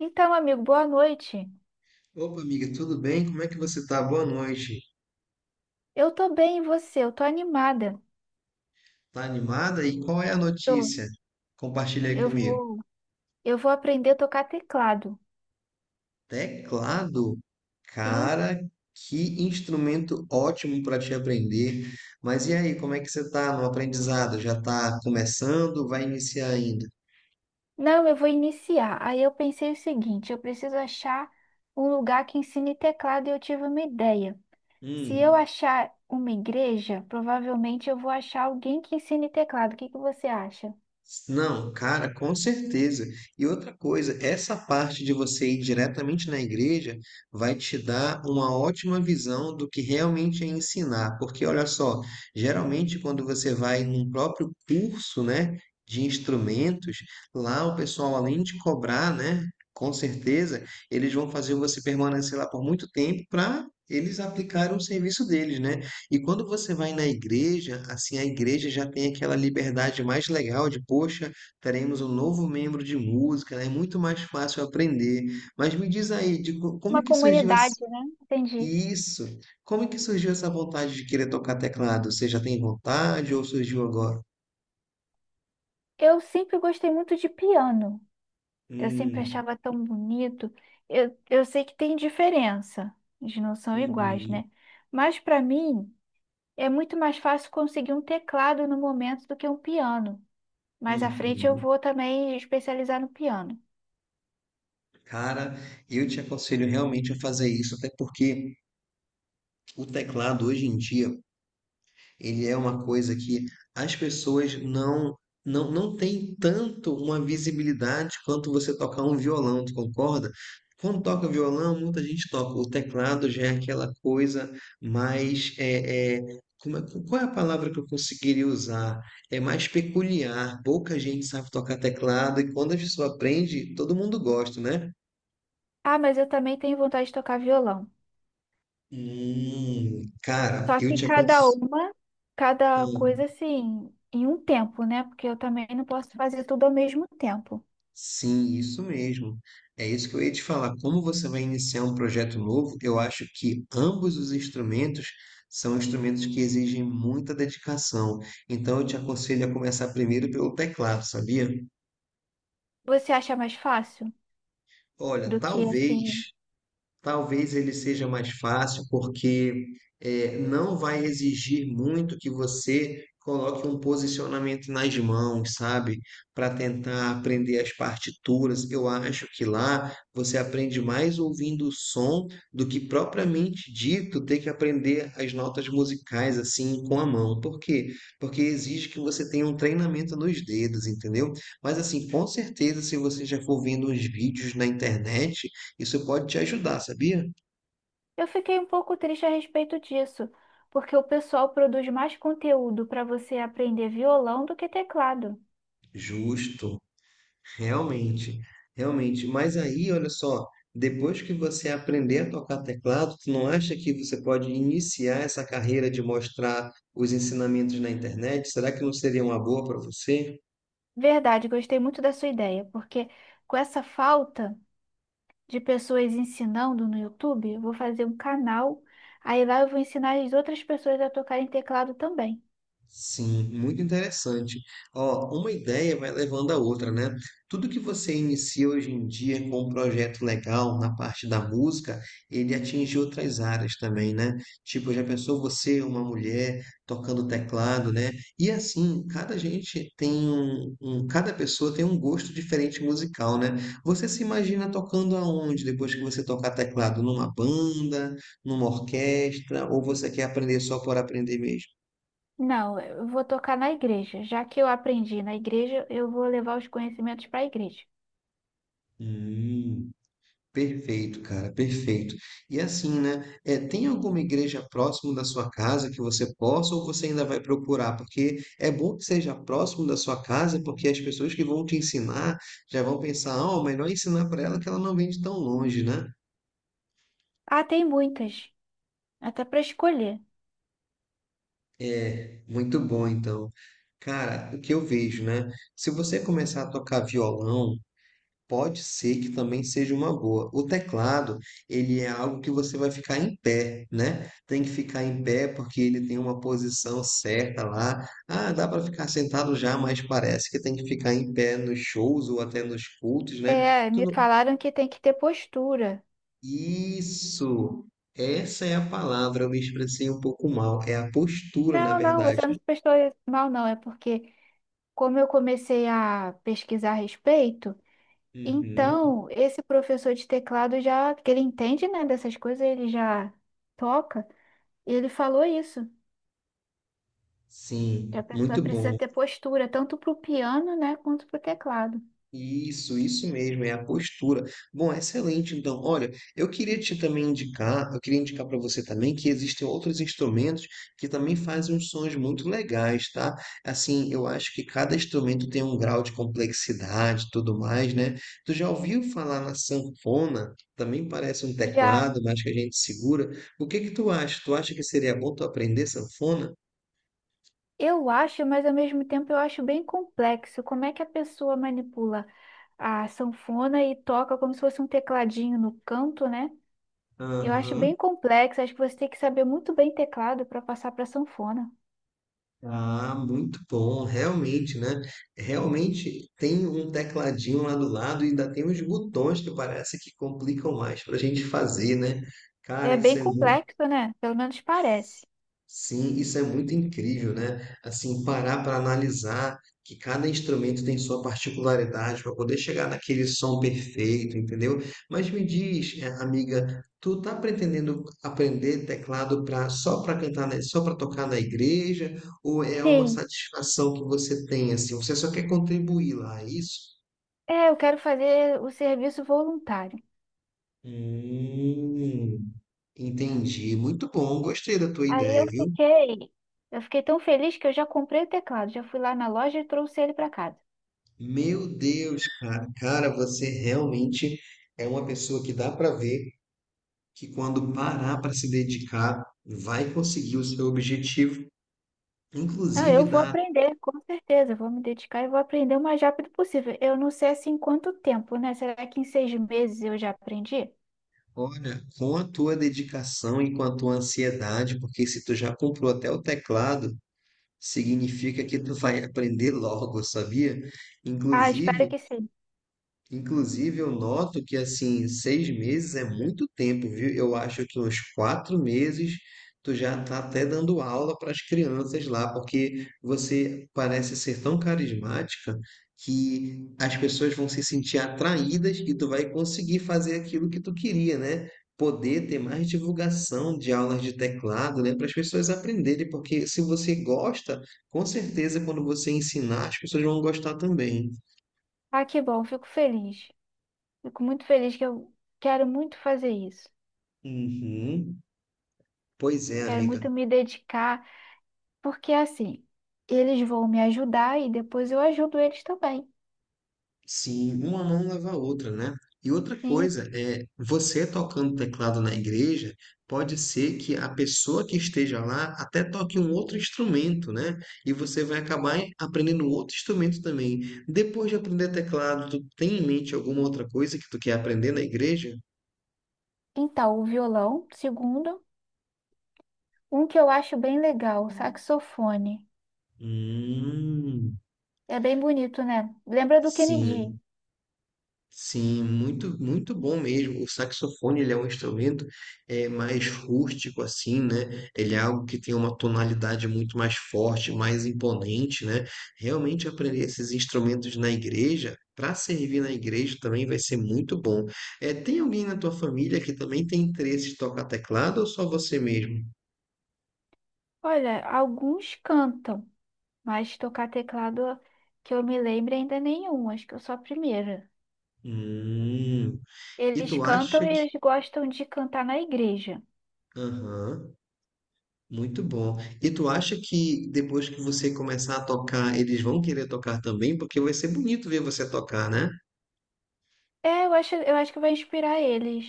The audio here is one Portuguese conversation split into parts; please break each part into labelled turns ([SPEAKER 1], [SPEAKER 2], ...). [SPEAKER 1] Então, amigo, boa noite.
[SPEAKER 2] Opa, amiga, tudo bem? Como é que você tá? Boa noite.
[SPEAKER 1] Eu tô bem, e você? Eu tô animada.
[SPEAKER 2] Tá animada? E qual é a
[SPEAKER 1] Eu,
[SPEAKER 2] notícia? Compartilha aí
[SPEAKER 1] eu
[SPEAKER 2] comigo.
[SPEAKER 1] vou, eu vou aprender a tocar teclado.
[SPEAKER 2] Teclado.
[SPEAKER 1] Sim?
[SPEAKER 2] Cara, que instrumento ótimo para te aprender. Mas e aí, como é que você tá no aprendizado? Já tá começando? Vai iniciar ainda?
[SPEAKER 1] Não, eu vou iniciar. Aí eu pensei o seguinte, eu preciso achar um lugar que ensine teclado e eu tive uma ideia. Se eu
[SPEAKER 2] Hum.
[SPEAKER 1] achar uma igreja, provavelmente eu vou achar alguém que ensine teclado. O que que você acha?
[SPEAKER 2] Não, cara, com certeza. E outra coisa, essa parte de você ir diretamente na igreja vai te dar uma ótima visão do que realmente é ensinar. Porque olha só, geralmente quando você vai num próprio curso, né, de instrumentos, lá o pessoal além de cobrar, né, com certeza, eles vão fazer você permanecer lá por muito tempo para eles aplicarem o serviço deles, né? E quando você vai na igreja, assim, a igreja já tem aquela liberdade mais legal de, poxa, teremos um novo membro de música, né? É muito mais fácil aprender. Mas me diz aí, como é
[SPEAKER 1] Uma
[SPEAKER 2] que surgiu
[SPEAKER 1] comunidade, né? Entendi.
[SPEAKER 2] isso? Como é que surgiu essa vontade de querer tocar teclado? Você já tem vontade ou surgiu agora?
[SPEAKER 1] Eu sempre gostei muito de piano. Eu sempre
[SPEAKER 2] Hum,
[SPEAKER 1] achava tão bonito. Eu sei que tem diferença, eles não são iguais,
[SPEAKER 2] uhum,
[SPEAKER 1] né? Mas para mim é muito mais fácil conseguir um teclado no momento do que um piano. Mais à frente eu
[SPEAKER 2] uhum.
[SPEAKER 1] vou também especializar no piano.
[SPEAKER 2] Cara, eu te aconselho realmente a fazer isso, até porque o teclado hoje em dia ele é uma coisa que as pessoas não têm tanto uma visibilidade quanto você tocar um violão, tu concorda? Quando toca violão, muita gente toca. O teclado já é aquela coisa mais qual é a palavra que eu conseguiria usar? É mais peculiar. Pouca gente sabe tocar teclado e quando a pessoa aprende, todo mundo gosta, né?
[SPEAKER 1] Ah, mas eu também tenho vontade de tocar violão.
[SPEAKER 2] Cara,
[SPEAKER 1] Só
[SPEAKER 2] eu
[SPEAKER 1] que
[SPEAKER 2] te
[SPEAKER 1] cada
[SPEAKER 2] aconselho.
[SPEAKER 1] uma, cada coisa assim, em um tempo, né? Porque eu também não posso fazer tudo ao mesmo tempo.
[SPEAKER 2] Sim, isso mesmo. É isso que eu ia te falar. Como você vai iniciar um projeto novo, eu acho que ambos os instrumentos são instrumentos que exigem muita dedicação. Então, eu te aconselho a começar primeiro pelo teclado, sabia?
[SPEAKER 1] Você acha mais fácil
[SPEAKER 2] Olha,
[SPEAKER 1] do que
[SPEAKER 2] talvez
[SPEAKER 1] assim.
[SPEAKER 2] Talvez ele seja mais fácil, porque não vai exigir muito que você coloque um posicionamento nas mãos, sabe? Para tentar aprender as partituras. Eu acho que lá você aprende mais ouvindo o som do que propriamente dito ter que aprender as notas musicais assim com a mão. Por quê? Porque exige que você tenha um treinamento nos dedos, entendeu? Mas assim, com certeza, se você já for vendo uns vídeos na internet isso pode te ajudar, sabia?
[SPEAKER 1] Eu fiquei um pouco triste a respeito disso, porque o pessoal produz mais conteúdo para você aprender violão do que teclado.
[SPEAKER 2] Justo, realmente, realmente. Mas aí, olha só, depois que você aprender a tocar teclado, tu não acha que você pode iniciar essa carreira de mostrar os ensinamentos na internet? Será que não seria uma boa para você?
[SPEAKER 1] Verdade, gostei muito da sua ideia, porque com essa falta de pessoas ensinando no YouTube, eu vou fazer um canal, aí lá eu vou ensinar as outras pessoas a tocarem teclado também.
[SPEAKER 2] Sim, muito interessante. Ó, uma ideia vai levando a outra, né? Tudo que você inicia hoje em dia com um projeto legal na parte da música, ele atinge outras áreas também, né? Tipo, já pensou você, uma mulher, tocando teclado, né? E assim, cada gente tem cada pessoa tem um gosto diferente musical, né? Você se imagina tocando aonde depois que você tocar teclado? Numa banda, numa orquestra, ou você quer aprender só por aprender mesmo?
[SPEAKER 1] Não, eu vou tocar na igreja. Já que eu aprendi na igreja, eu vou levar os conhecimentos para a igreja.
[SPEAKER 2] Hum. Perfeito, cara, perfeito. E assim, né? É, tem alguma igreja próximo da sua casa que você possa ou você ainda vai procurar? Porque é bom que seja próximo da sua casa, porque as pessoas que vão te ensinar já vão pensar, ah, melhor é ensinar para ela que ela não vem de tão longe, né?
[SPEAKER 1] Ah, tem muitas, até para escolher.
[SPEAKER 2] É, muito bom, então. Cara, o que eu vejo, né? Se você começar a tocar violão, pode ser que também seja uma boa. O teclado, ele é algo que você vai ficar em pé, né? Tem que ficar em pé porque ele tem uma posição certa lá. Ah, dá para ficar sentado já, mas parece que tem que ficar em pé nos shows ou até nos cultos, né?
[SPEAKER 1] É,
[SPEAKER 2] Tu
[SPEAKER 1] me
[SPEAKER 2] não-
[SPEAKER 1] falaram que tem que ter postura.
[SPEAKER 2] Isso! Essa é a palavra, eu me expressei um pouco mal. É a postura, na
[SPEAKER 1] Não, não, você
[SPEAKER 2] verdade.
[SPEAKER 1] não se prestou mal, não. É porque, como eu comecei a pesquisar a respeito,
[SPEAKER 2] Uhum.
[SPEAKER 1] então esse professor de teclado já, que ele entende, né, dessas coisas, ele já toca, e ele falou isso, que a
[SPEAKER 2] Sim,
[SPEAKER 1] pessoa
[SPEAKER 2] muito
[SPEAKER 1] precisa
[SPEAKER 2] bom.
[SPEAKER 1] ter postura, tanto para o piano, né, quanto para o teclado.
[SPEAKER 2] Isso mesmo, é a postura. Bom, excelente. Então, olha, eu queria te também indicar, eu queria indicar para você também que existem outros instrumentos que também fazem uns sons muito legais, tá? Assim, eu acho que cada instrumento tem um grau de complexidade, e tudo mais, né? Tu já ouviu falar na sanfona? Também parece um
[SPEAKER 1] Já
[SPEAKER 2] teclado, mas que a gente segura. O que que tu acha? Tu acha que seria bom tu aprender sanfona?
[SPEAKER 1] eu acho, mas ao mesmo tempo eu acho bem complexo. Como é que a pessoa manipula a sanfona e toca como se fosse um tecladinho no canto, né? Eu acho
[SPEAKER 2] Aham.
[SPEAKER 1] bem complexo, acho que você tem que saber muito bem teclado para passar para sanfona.
[SPEAKER 2] Ah, muito bom, realmente, né? Realmente tem um tecladinho lá do lado e ainda tem uns botões que parece que complicam mais para a gente fazer, né?
[SPEAKER 1] É
[SPEAKER 2] Cara, isso
[SPEAKER 1] bem
[SPEAKER 2] é muito.
[SPEAKER 1] complexo, né? Pelo menos parece.
[SPEAKER 2] Sim, isso é muito incrível, né? Assim, parar para analisar que cada instrumento tem sua particularidade para poder chegar naquele som perfeito, entendeu? Mas me diz, amiga, tu tá pretendendo aprender teclado para só para cantar, só para tocar na igreja, ou é uma
[SPEAKER 1] Sim.
[SPEAKER 2] satisfação que você tem assim? Você só quer contribuir lá, é isso?
[SPEAKER 1] É, eu quero fazer o serviço voluntário.
[SPEAKER 2] Hum, entendi. Muito bom, gostei da tua
[SPEAKER 1] Aí eu
[SPEAKER 2] ideia, viu?
[SPEAKER 1] fiquei, eu fiquei tão feliz que eu já comprei o teclado, já fui lá na loja e trouxe ele para casa.
[SPEAKER 2] Meu Deus, cara, cara, você realmente é uma pessoa que dá para ver que quando parar para se dedicar, vai conseguir o seu objetivo,
[SPEAKER 1] Ah,
[SPEAKER 2] inclusive
[SPEAKER 1] eu vou
[SPEAKER 2] dá,
[SPEAKER 1] aprender, com certeza, eu vou me dedicar e vou aprender o mais rápido possível. Eu não sei assim quanto tempo, né? Será que em 6 meses eu já aprendi?
[SPEAKER 2] olha, com a tua dedicação e com a tua ansiedade, porque se tu já comprou até o teclado, significa que tu vai aprender logo, sabia?
[SPEAKER 1] Ah, espero
[SPEAKER 2] Inclusive,
[SPEAKER 1] que sim.
[SPEAKER 2] Inclusive, eu noto que assim, seis meses é muito tempo, viu? Eu acho que uns quatro meses tu já tá até dando aula para as crianças lá, porque você parece ser tão carismática que as pessoas vão se sentir atraídas e tu vai conseguir fazer aquilo que tu queria, né? Poder ter mais divulgação de aulas de teclado, né? Para as pessoas aprenderem, porque se você gosta, com certeza quando você ensinar, as pessoas vão gostar também.
[SPEAKER 1] Ah, que bom, fico feliz. Fico muito feliz que eu quero muito fazer isso.
[SPEAKER 2] Uhum. Pois é,
[SPEAKER 1] Quero
[SPEAKER 2] amiga.
[SPEAKER 1] muito me dedicar, porque assim, eles vão me ajudar e depois eu ajudo eles também.
[SPEAKER 2] Sim, uma mão lava a outra, né? E outra
[SPEAKER 1] E
[SPEAKER 2] coisa é, você tocando teclado na igreja, pode ser que a pessoa que esteja lá até toque um outro instrumento, né? E você vai acabar aprendendo outro instrumento também. Depois de aprender teclado, tu tem em mente alguma outra coisa que tu quer aprender na igreja?
[SPEAKER 1] então, o violão, segundo, um que eu acho bem legal, o saxofone.
[SPEAKER 2] Hum,
[SPEAKER 1] É bem bonito, né? Lembra do Kennedy?
[SPEAKER 2] sim. Sim, muito, muito bom mesmo. O saxofone, ele é um instrumento mais rústico, assim, né? Ele é algo que tem uma tonalidade muito mais forte, mais imponente, né? Realmente aprender esses instrumentos na igreja, para servir na igreja também vai ser muito bom. É, tem alguém na tua família que também tem interesse em tocar teclado ou só você mesmo?
[SPEAKER 1] Olha, alguns cantam, mas tocar teclado que eu me lembre ainda nenhum, acho que eu sou a primeira.
[SPEAKER 2] Hum. E
[SPEAKER 1] Eles
[SPEAKER 2] tu
[SPEAKER 1] cantam
[SPEAKER 2] acha
[SPEAKER 1] e
[SPEAKER 2] que...
[SPEAKER 1] eles gostam de cantar na igreja.
[SPEAKER 2] Aham. Muito bom. E tu acha que depois que você começar a tocar, eles vão querer tocar também? Porque vai ser bonito ver você tocar, né?
[SPEAKER 1] Eu acho que vai inspirar eles.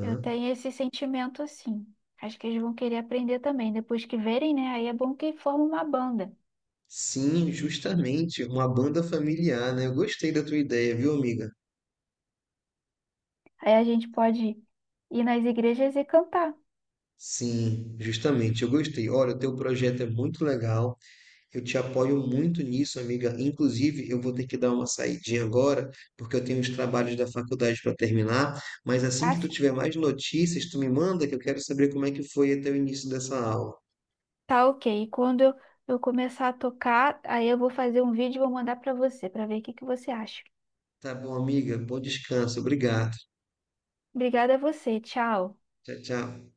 [SPEAKER 1] Eu tenho esse sentimento assim. Acho que eles vão querer aprender também. Depois que verem, né? Aí é bom que forma uma banda.
[SPEAKER 2] Sim, justamente. Uma banda familiar, né? Eu gostei da tua ideia, viu, amiga?
[SPEAKER 1] Aí a gente pode ir nas igrejas e cantar.
[SPEAKER 2] Sim, justamente. Eu gostei. Olha, o teu projeto é muito legal. Eu te apoio muito nisso, amiga. Inclusive, eu vou ter que dar uma saidinha agora, porque eu tenho os trabalhos da faculdade para terminar. Mas assim
[SPEAKER 1] Ah,
[SPEAKER 2] que tu
[SPEAKER 1] sim.
[SPEAKER 2] tiver mais notícias, tu me manda, que eu quero saber como é que foi até o início dessa aula.
[SPEAKER 1] Tá ok. E quando eu começar a tocar, aí eu vou fazer um vídeo e vou mandar pra você, pra ver o que que você acha.
[SPEAKER 2] Tá bom, amiga. Bom descanso. Obrigado.
[SPEAKER 1] Obrigada a você. Tchau.
[SPEAKER 2] Tchau, tchau.